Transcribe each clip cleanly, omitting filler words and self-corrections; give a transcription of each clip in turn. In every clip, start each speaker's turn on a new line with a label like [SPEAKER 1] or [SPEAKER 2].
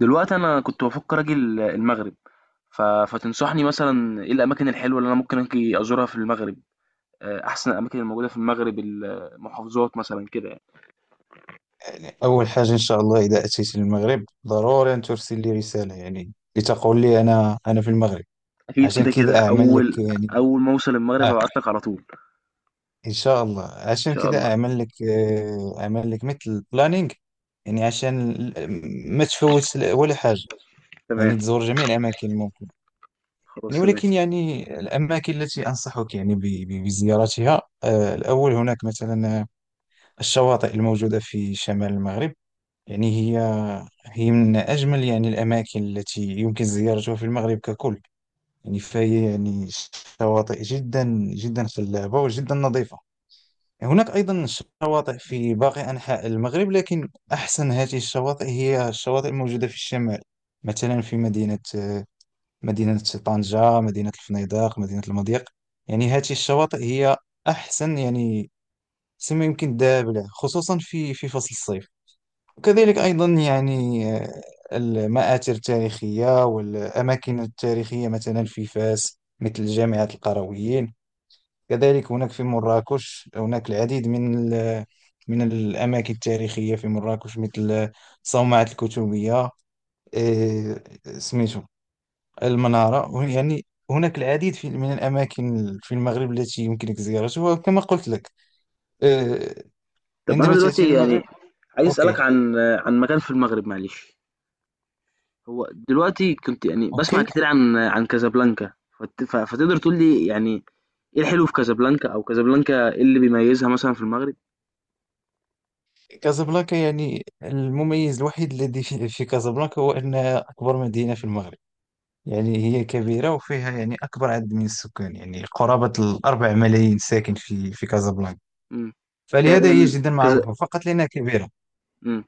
[SPEAKER 1] دلوقتي أنا كنت بافكر أجي المغرب. ف فتنصحني مثلًا إيه الأماكن الحلوة اللي أنا ممكن آجي أزورها في المغرب، أحسن الأماكن الموجودة في المغرب، المحافظات مثلًا كده يعني.
[SPEAKER 2] أول حاجة إن شاء الله إذا أتيت للمغرب ضروري أن ترسل لي رسالة، يعني لتقول لي أنا في المغرب
[SPEAKER 1] أكيد
[SPEAKER 2] عشان
[SPEAKER 1] كده، كده
[SPEAKER 2] كذا أعمل لك
[SPEAKER 1] أول
[SPEAKER 2] يعني.
[SPEAKER 1] أول ما أوصل المغرب
[SPEAKER 2] آه
[SPEAKER 1] هابعت لك على طول
[SPEAKER 2] إن شاء الله
[SPEAKER 1] إن
[SPEAKER 2] عشان
[SPEAKER 1] شاء الله.
[SPEAKER 2] كذا أعمل لك، أعمل لك مثل بلانينغ، يعني عشان ما تفوت ولا حاجة،
[SPEAKER 1] تمام،
[SPEAKER 2] يعني تزور جميع الأماكن الممكن.
[SPEAKER 1] خلاص
[SPEAKER 2] يعني
[SPEAKER 1] تمام.
[SPEAKER 2] ولكن يعني الأماكن التي أنصحك يعني بزيارتها، الأول هناك مثلا الشواطئ الموجودة في شمال المغرب. يعني هي من أجمل يعني الأماكن التي يمكن زيارتها في المغرب ككل. يعني فهي يعني شواطئ جدا جدا خلابة وجدا نظيفة. هناك أيضا شواطئ في باقي أنحاء المغرب، لكن أحسن هذه الشواطئ هي الشواطئ الموجودة في الشمال، مثلا في مدينة طنجة، مدينة الفنيدق، مدينة المضيق. يعني هذه الشواطئ هي أحسن، يعني سما يمكن دابلة، خصوصا في فصل الصيف. وكذلك أيضا يعني، المآثر التاريخية والأماكن التاريخية مثلا في فاس مثل جامعة القرويين. كذلك هناك في مراكش هناك العديد من الأماكن التاريخية في مراكش، مثل صومعة الكتبية، آه، سميتو المنارة. يعني هناك العديد من الأماكن في المغرب التي يمكنك زيارتها، وكما قلت لك آه،
[SPEAKER 1] طب أنا
[SPEAKER 2] عندما تأتي
[SPEAKER 1] دلوقتي يعني
[SPEAKER 2] للمغرب.
[SPEAKER 1] عايز أسألك
[SPEAKER 2] أوكي
[SPEAKER 1] عن مكان في المغرب معلش. هو دلوقتي كنت يعني باسمع
[SPEAKER 2] أوكي.
[SPEAKER 1] كتير عن كازابلانكا. فت ف فتقدر تقول لي يعني إيه الحلو في كازابلانكا، أو كازابلانكا إيه اللي بيميزها مثلًا في المغرب؟
[SPEAKER 2] كازابلانكا يعني المميز الوحيد الذي في كازابلانكا هو أنها أكبر مدينة في المغرب. يعني هي كبيرة وفيها يعني أكبر عدد من السكان، يعني قرابة الأربع ملايين ساكن في كازابلانكا.
[SPEAKER 1] إمم. ك
[SPEAKER 2] فلهذا هي
[SPEAKER 1] ال
[SPEAKER 2] جدا
[SPEAKER 1] كذا.
[SPEAKER 2] معروفة فقط لأنها كبيرة.
[SPEAKER 1] إمم.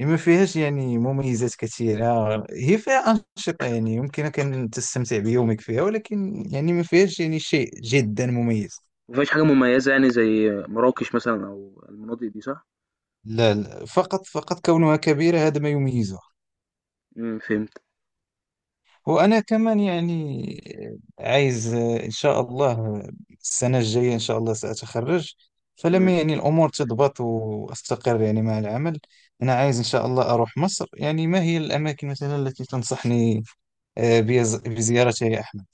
[SPEAKER 2] ما فيهاش يعني مميزات كثيرة. هي فيها أنشطة، يعني يمكنك أن تستمتع بيومك فيها، ولكن يعني ما فيهاش يعني شيء جدا مميز.
[SPEAKER 1] ما فيهاش حاجة مميزة يعني زي مراكش مثلًا أو المناطق دي صح؟
[SPEAKER 2] لا لا، فقط كونها كبيرة، هذا ما يميزها.
[SPEAKER 1] إمم، فهمتك.
[SPEAKER 2] وأنا كمان يعني عايز إن شاء الله، السنة الجاية إن شاء الله سأتخرج،
[SPEAKER 1] تمام.
[SPEAKER 2] فلما يعني الأمور تضبط وأستقر يعني مع العمل، أنا عايز إن شاء الله أروح مصر. يعني ما هي الأماكن مثلا التي تنصحني بزيارتها يا أحمد؟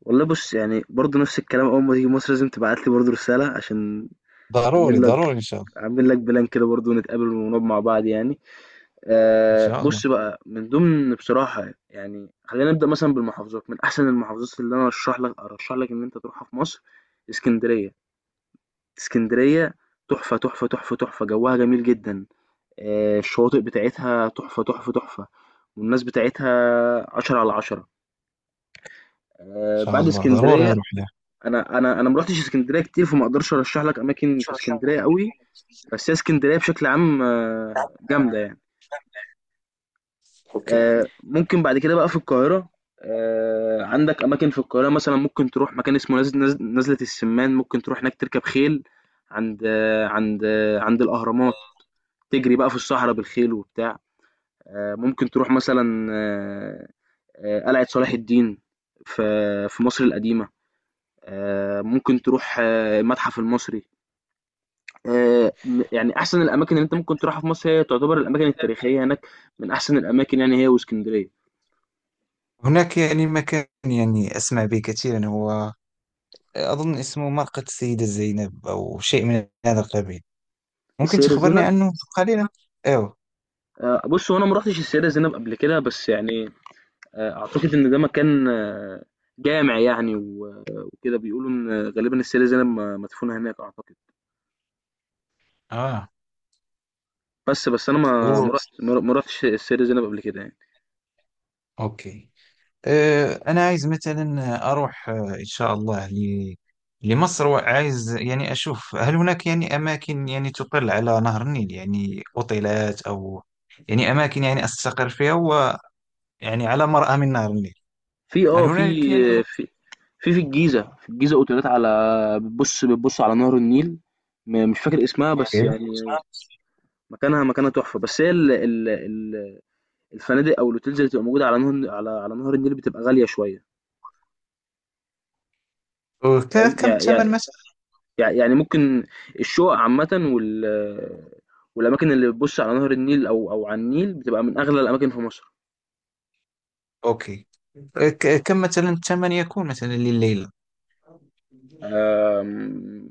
[SPEAKER 1] والله بُص، يعني برضه نفس الكلام أول ما تيجي مصر لازم تبعت لي برضه رسالة عشان
[SPEAKER 2] ضروري
[SPEAKER 1] أعمل لك
[SPEAKER 2] ضروري إن شاء الله.
[SPEAKER 1] أعمل لك plan كده برضه ونتقابل ونقعد مع بعض يعني.
[SPEAKER 2] إن شاء الله إن
[SPEAKER 1] بُص بقى، من ضمن بصراحة يعني خلّينا نبدأ مثلًا بالمحافظات، من أحسن المحافظات اللي أنا أرشّح لك أرشّح لك إن أنت تروحها في مصر إسكندرية. إسكندرية تحفة، تحفة، تحفة، تحفة، جوّها جميل جدًا. آه، الشواطئ بتاعتها تحفة تحفة تحفة، والناس بتاعتها عشرة على عشرة. آه،
[SPEAKER 2] شاء
[SPEAKER 1] بعد
[SPEAKER 2] الله ضروري
[SPEAKER 1] اسكندرية،
[SPEAKER 2] أروح لها.
[SPEAKER 1] أنا أنا مروحتش اسكندرية كتير فما أقدرش أرشح لك أماكن في اسكندرية قوي، بس هي اسكندرية بشكل عام آه، جامدة يعني. آه، ممكن بعد كده بقى في القاهرة. آه، عندك أماكن في القاهرة مثلا ممكن تروح مكان اسمه نزلة السمان، ممكن تروح هناك تركب خيل عند عند الأهرامات، تجري بقى في الصحراء بالخيل وبتاع. آه، ممكن تروح مثلا قلعة صلاح الدين في في مصر القديمة. آه، ممكن تروح آه، المتحف المصري. يعني أحسن الأماكن اللي أنت ممكن تروحها في مصر هي تعتبر الأماكن التاريخية هناك، من أحسن الأماكن يعني هي واسكندرية.
[SPEAKER 2] هناك يعني مكان يعني أسمع به كثيرا، هو أظن اسمه مرقد السيدة زينب أو شيء من هذا القبيل. ممكن
[SPEAKER 1] السيدة
[SPEAKER 2] تخبرني
[SPEAKER 1] زينب.
[SPEAKER 2] عنه قليلا؟ ايوه.
[SPEAKER 1] آه، بص، هو أنا ما رحتش السيدة زينب قبل كده، بس يعني آه، أعتقد إن ده مكان آه، جامع يعني وكده بيقولوا إن غالبا السيدة زينب مدفونة هناك أعتقد.
[SPEAKER 2] اه.
[SPEAKER 1] بس أنا ما
[SPEAKER 2] أوه.
[SPEAKER 1] ما رحت ما رحتش السيدة زينب قبل كده يعني.
[SPEAKER 2] اوكي. أه، انا عايز مثلا اروح، ان شاء الله ل... لمصر. وعايز يعني اشوف هل هناك يعني اماكن يعني تطل على نهر النيل، يعني اوتيلات او يعني اماكن يعني استقر فيها، ويعني على مرأى من نهر النيل.
[SPEAKER 1] في
[SPEAKER 2] هل
[SPEAKER 1] آه في
[SPEAKER 2] هناك يعني؟
[SPEAKER 1] في في في الجيزة، في الجيزة أوتيلات على، بتبُص على نهر النيل. مش فاكر اسمها بس
[SPEAKER 2] أوكي.
[SPEAKER 1] يعني مكانها تحفة، بس هي ال ال ال الفنادق أو الhotels اللي بتبقى موجودة على على نهر النيل بتبقى غالية شوية. فاهم؟
[SPEAKER 2] كم
[SPEAKER 1] يع يع
[SPEAKER 2] الثمن مثلا؟
[SPEAKER 1] يع يعني ممكن الشقق عامةً وال والأماكن اللي بتبُص على نهر النيل، أو على النيل، بتبقى من أغلى الأماكن في مصر.
[SPEAKER 2] اوكي. كم مثلا الثمن يكون مثلا لليلة؟
[SPEAKER 1] آمم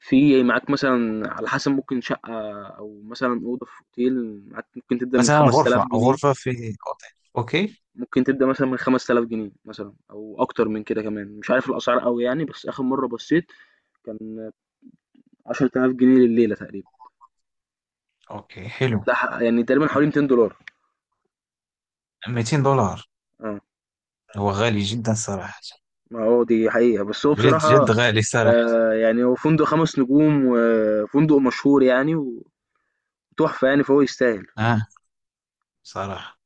[SPEAKER 1] في معاك مثلًا على حسب، ممكن شقة أو مثلًا أوضة في أوتيل معاك ممكن تبدأ من
[SPEAKER 2] مثلا غرفة
[SPEAKER 1] 5000 جنيه.
[SPEAKER 2] غرفة في أوتيل. أوكي.
[SPEAKER 1] ممكن تبدأ مثلًا من 5000 جنيه مثلًا أو أكتر من كده كمان، مش عارف الأسعار أوي يعني، بس آخر مرّة بصّيت كان 10000 جنيه لليلة تقريبا.
[SPEAKER 2] أوكي، حلو.
[SPEAKER 1] ده ح يعني تقريبًا حوالي $200.
[SPEAKER 2] $200،
[SPEAKER 1] آه،
[SPEAKER 2] هو غالي جدا صراحة.
[SPEAKER 1] ما هو دي حقيقة، بس هو
[SPEAKER 2] جد
[SPEAKER 1] بصراحة
[SPEAKER 2] جد غالي صراحة.
[SPEAKER 1] يعني هو فندق 5 نجوم وفندق مشهور يعني وتحفة يعني، فهو يستاهل.
[SPEAKER 2] آه صراحة.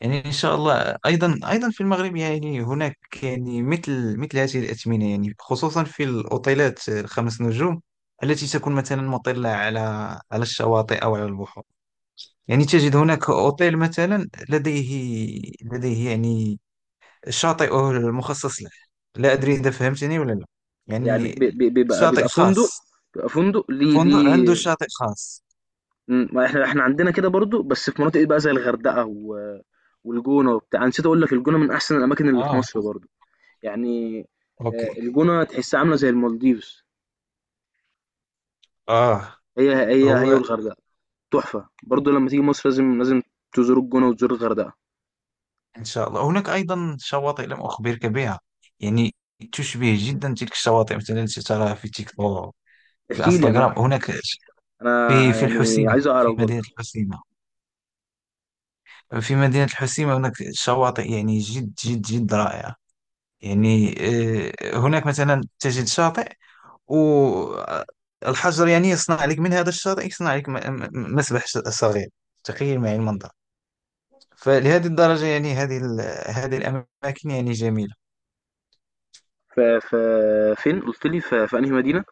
[SPEAKER 2] يعني إن شاء الله أيضا في المغرب يعني هناك يعني مثل هذه الأثمنة، يعني خصوصا في الأوتيلات الخمس نجوم التي تكون مثلا مطلة على الشواطئ أو على البحور. يعني تجد هناك أوتيل مثلا لديه يعني شاطئ مخصص له. لا أدري إذا فهمتني ولا لا.
[SPEAKER 1] يعني ب
[SPEAKER 2] يعني
[SPEAKER 1] ب بيبقى
[SPEAKER 2] شاطئ
[SPEAKER 1] بيبقى فندق،
[SPEAKER 2] خاص،
[SPEAKER 1] بيبقى فندق ليه
[SPEAKER 2] فندق عنده
[SPEAKER 1] ليه
[SPEAKER 2] شاطئ خاص.
[SPEAKER 1] ما إحنا إحنا عندنا كده برضه، بس في مناطق بقى زي الغردقة و... والجونة وبتاع، أنا نسيت أقول لك الجونة من أحسن الأماكن اللي في
[SPEAKER 2] آه
[SPEAKER 1] مصر برضه يعني.
[SPEAKER 2] أوكي.
[SPEAKER 1] آه، الجونة تحسها عاملة زي المالديفز.
[SPEAKER 2] آه.
[SPEAKER 1] هي
[SPEAKER 2] هو
[SPEAKER 1] والغردقة تحفة برضه، لما تيجي مصر لازم تزور الجونة وتزور الغردقة.
[SPEAKER 2] إن شاء الله هناك أيضا شواطئ لم أخبرك بها، يعني تشبه جدا تلك الشواطئ مثلا التي تراها في تيك توك، في
[SPEAKER 1] احكي لي. أنا
[SPEAKER 2] انستغرام. هناك في
[SPEAKER 1] أنا
[SPEAKER 2] في
[SPEAKER 1] يعني
[SPEAKER 2] الحسيمة.
[SPEAKER 1] عايز أعرف
[SPEAKER 2] في مدينة
[SPEAKER 1] برضه.
[SPEAKER 2] الحسيمة في مدينة الحسيمة هناك شواطئ يعني جد جد جد رائعة. يعني، هناك مثلا تجد شاطئ والحجر يعني يصنع لك من هذا الشاطئ، يصنع لك مسبح صغير. تخيل معي المنظر. فلهذه الدرجة يعني هذه الأماكن يعني جميلة.
[SPEAKER 1] ف... ف... فين قلت لي في أنهي مدينة؟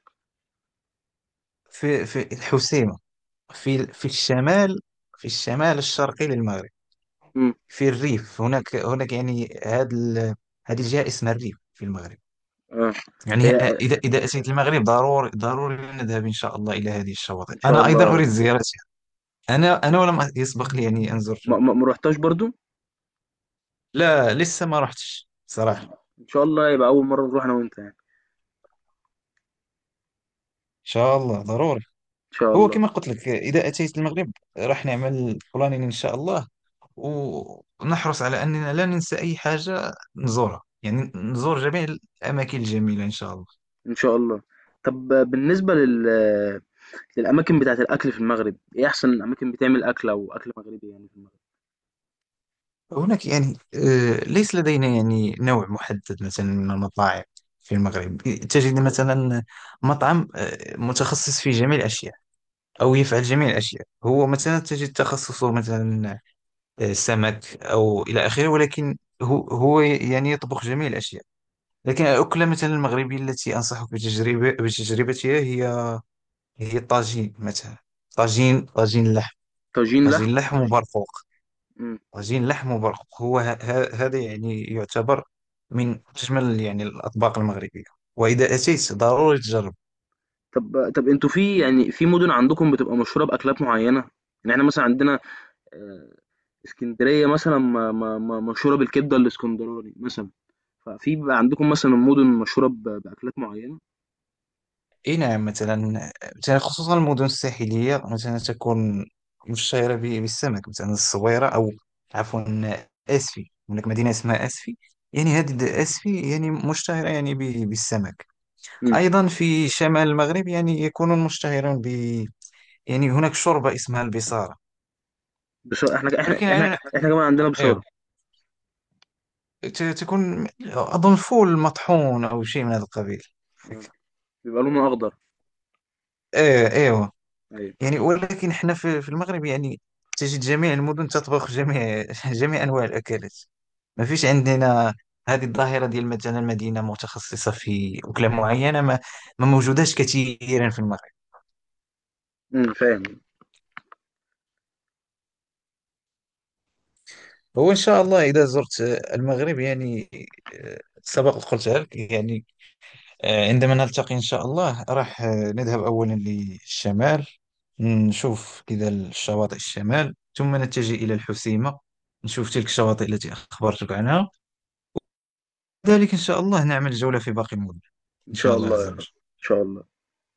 [SPEAKER 2] في الحسيمة، في الشمال، في الشمال الشرقي للمغرب.
[SPEAKER 1] امم.
[SPEAKER 2] في الريف، هناك يعني هذه الجهة اسمها الريف في المغرب.
[SPEAKER 1] اه.
[SPEAKER 2] يعني
[SPEAKER 1] هي
[SPEAKER 2] إذا أتيت المغرب ضروري نذهب إن شاء الله إلى هذه الشواطئ.
[SPEAKER 1] إن شاء
[SPEAKER 2] أنا
[SPEAKER 1] الله
[SPEAKER 2] أيضا
[SPEAKER 1] يا رب.
[SPEAKER 2] أريد زيارتها. أنا ولم يسبق لي يعني أن
[SPEAKER 1] ما,
[SPEAKER 2] زرتها.
[SPEAKER 1] ما... ما رحتهاش برضه؟
[SPEAKER 2] لا، لسه ما رحتش
[SPEAKER 1] طب
[SPEAKER 2] صراحة. إن
[SPEAKER 1] إن شاء الله يبقى أول مرة نروح أنا وأنت يعني.
[SPEAKER 2] شاء الله ضروري.
[SPEAKER 1] إن شاء
[SPEAKER 2] هو
[SPEAKER 1] الله.
[SPEAKER 2] كما قلت لك إذا أتيت المغرب راح نعمل بلانين إن شاء الله، ونحرص على أننا لا ننسى أي حاجة نزورها. يعني نزور جميع الأماكن الجميلة إن شاء الله.
[SPEAKER 1] إن شاء الله. طب بالنسبة للأماكن بتاعة الأكل في المغرب، إيه أحسن أماكن بتعمل أكل أو أكل مغربي يعني في المغرب؟
[SPEAKER 2] هناك يعني ليس لدينا يعني نوع محدد مثلا من المطاعم في المغرب. تجد مثلا مطعم متخصص في جميع الأشياء، أو يفعل جميع الأشياء. هو مثلا تجد تخصصه مثلا سمك أو إلى آخره، ولكن هو يعني يطبخ جميع الأشياء. لكن الأكلة مثلا المغربية التي أنصحك بتجربتها، هي طاجين مثلا. طاجين لحم.
[SPEAKER 1] طاجين، لحم؟
[SPEAKER 2] طاجين لحم وبرقوق.
[SPEAKER 1] إمم.
[SPEAKER 2] طاجين لحم وبرقوق هو هذا يعني يعتبر من أجمل يعني الأطباق المغربية، وإذا أتيت ضروري تجرب.
[SPEAKER 1] طب أنتم في يعني في مدن عندكم بتبقى مشهورة بأكلات معينة؟ يعني إحنا مثلًا عندنا آآ إسكندرية مثلًا م م م مشهورة بالكبدة الإسكندراني مثلًا، ففي بيبقى عندكم مثلًا مدن مشهورة بأكلات معينة؟
[SPEAKER 2] إي نعم، مثلا مثلا خصوصا المدن الساحلية مثلا تكون مشهورة بالسمك، مثلا الصويرة أو، عفوا، أسفي. هناك مدينة اسمها أسفي. يعني هذه أسفي يعني مشتهرة يعني بالسمك.
[SPEAKER 1] إمم.
[SPEAKER 2] أيضا في شمال المغرب يعني يكونون مشتهرون، يعني هناك شوربة اسمها البصارة.
[SPEAKER 1] بس إحنا إحنا
[SPEAKER 2] ولكن
[SPEAKER 1] إحنا
[SPEAKER 2] يعني
[SPEAKER 1] إحنا كمان عندنا بصارة.
[SPEAKER 2] ايوه، تكون اظن فول مطحون او شيء من هذا القبيل.
[SPEAKER 1] آه، بيبقى لونها أخضر.
[SPEAKER 2] ايه ايوه.
[SPEAKER 1] أيوه.
[SPEAKER 2] يعني ولكن احنا في المغرب يعني تجد جميع المدن تطبخ جميع جميع انواع الاكلات. ما فيش عندنا هذه الظاهرة ديال مثلا مدينة متخصصة في أكلة معينة. ما موجوداش كثيرا في المغرب.
[SPEAKER 1] إمم، فاهم.
[SPEAKER 2] هو إن شاء الله إذا زرت المغرب يعني، سبق قلت لك يعني، عندما نلتقي إن شاء الله راح، نذهب أولا للشمال، نشوف كذا الشواطئ الشمال، ثم نتجه إلى الحسيمة. نشوف تلك الشواطئ التي أخبرتك عنها. ذلك إن شاء الله نعمل جولة في باقي المدن.
[SPEAKER 1] إن
[SPEAKER 2] إن شاء
[SPEAKER 1] شاء
[SPEAKER 2] الله
[SPEAKER 1] الله
[SPEAKER 2] عز
[SPEAKER 1] يا رب،
[SPEAKER 2] وجل.
[SPEAKER 1] إن شاء الله.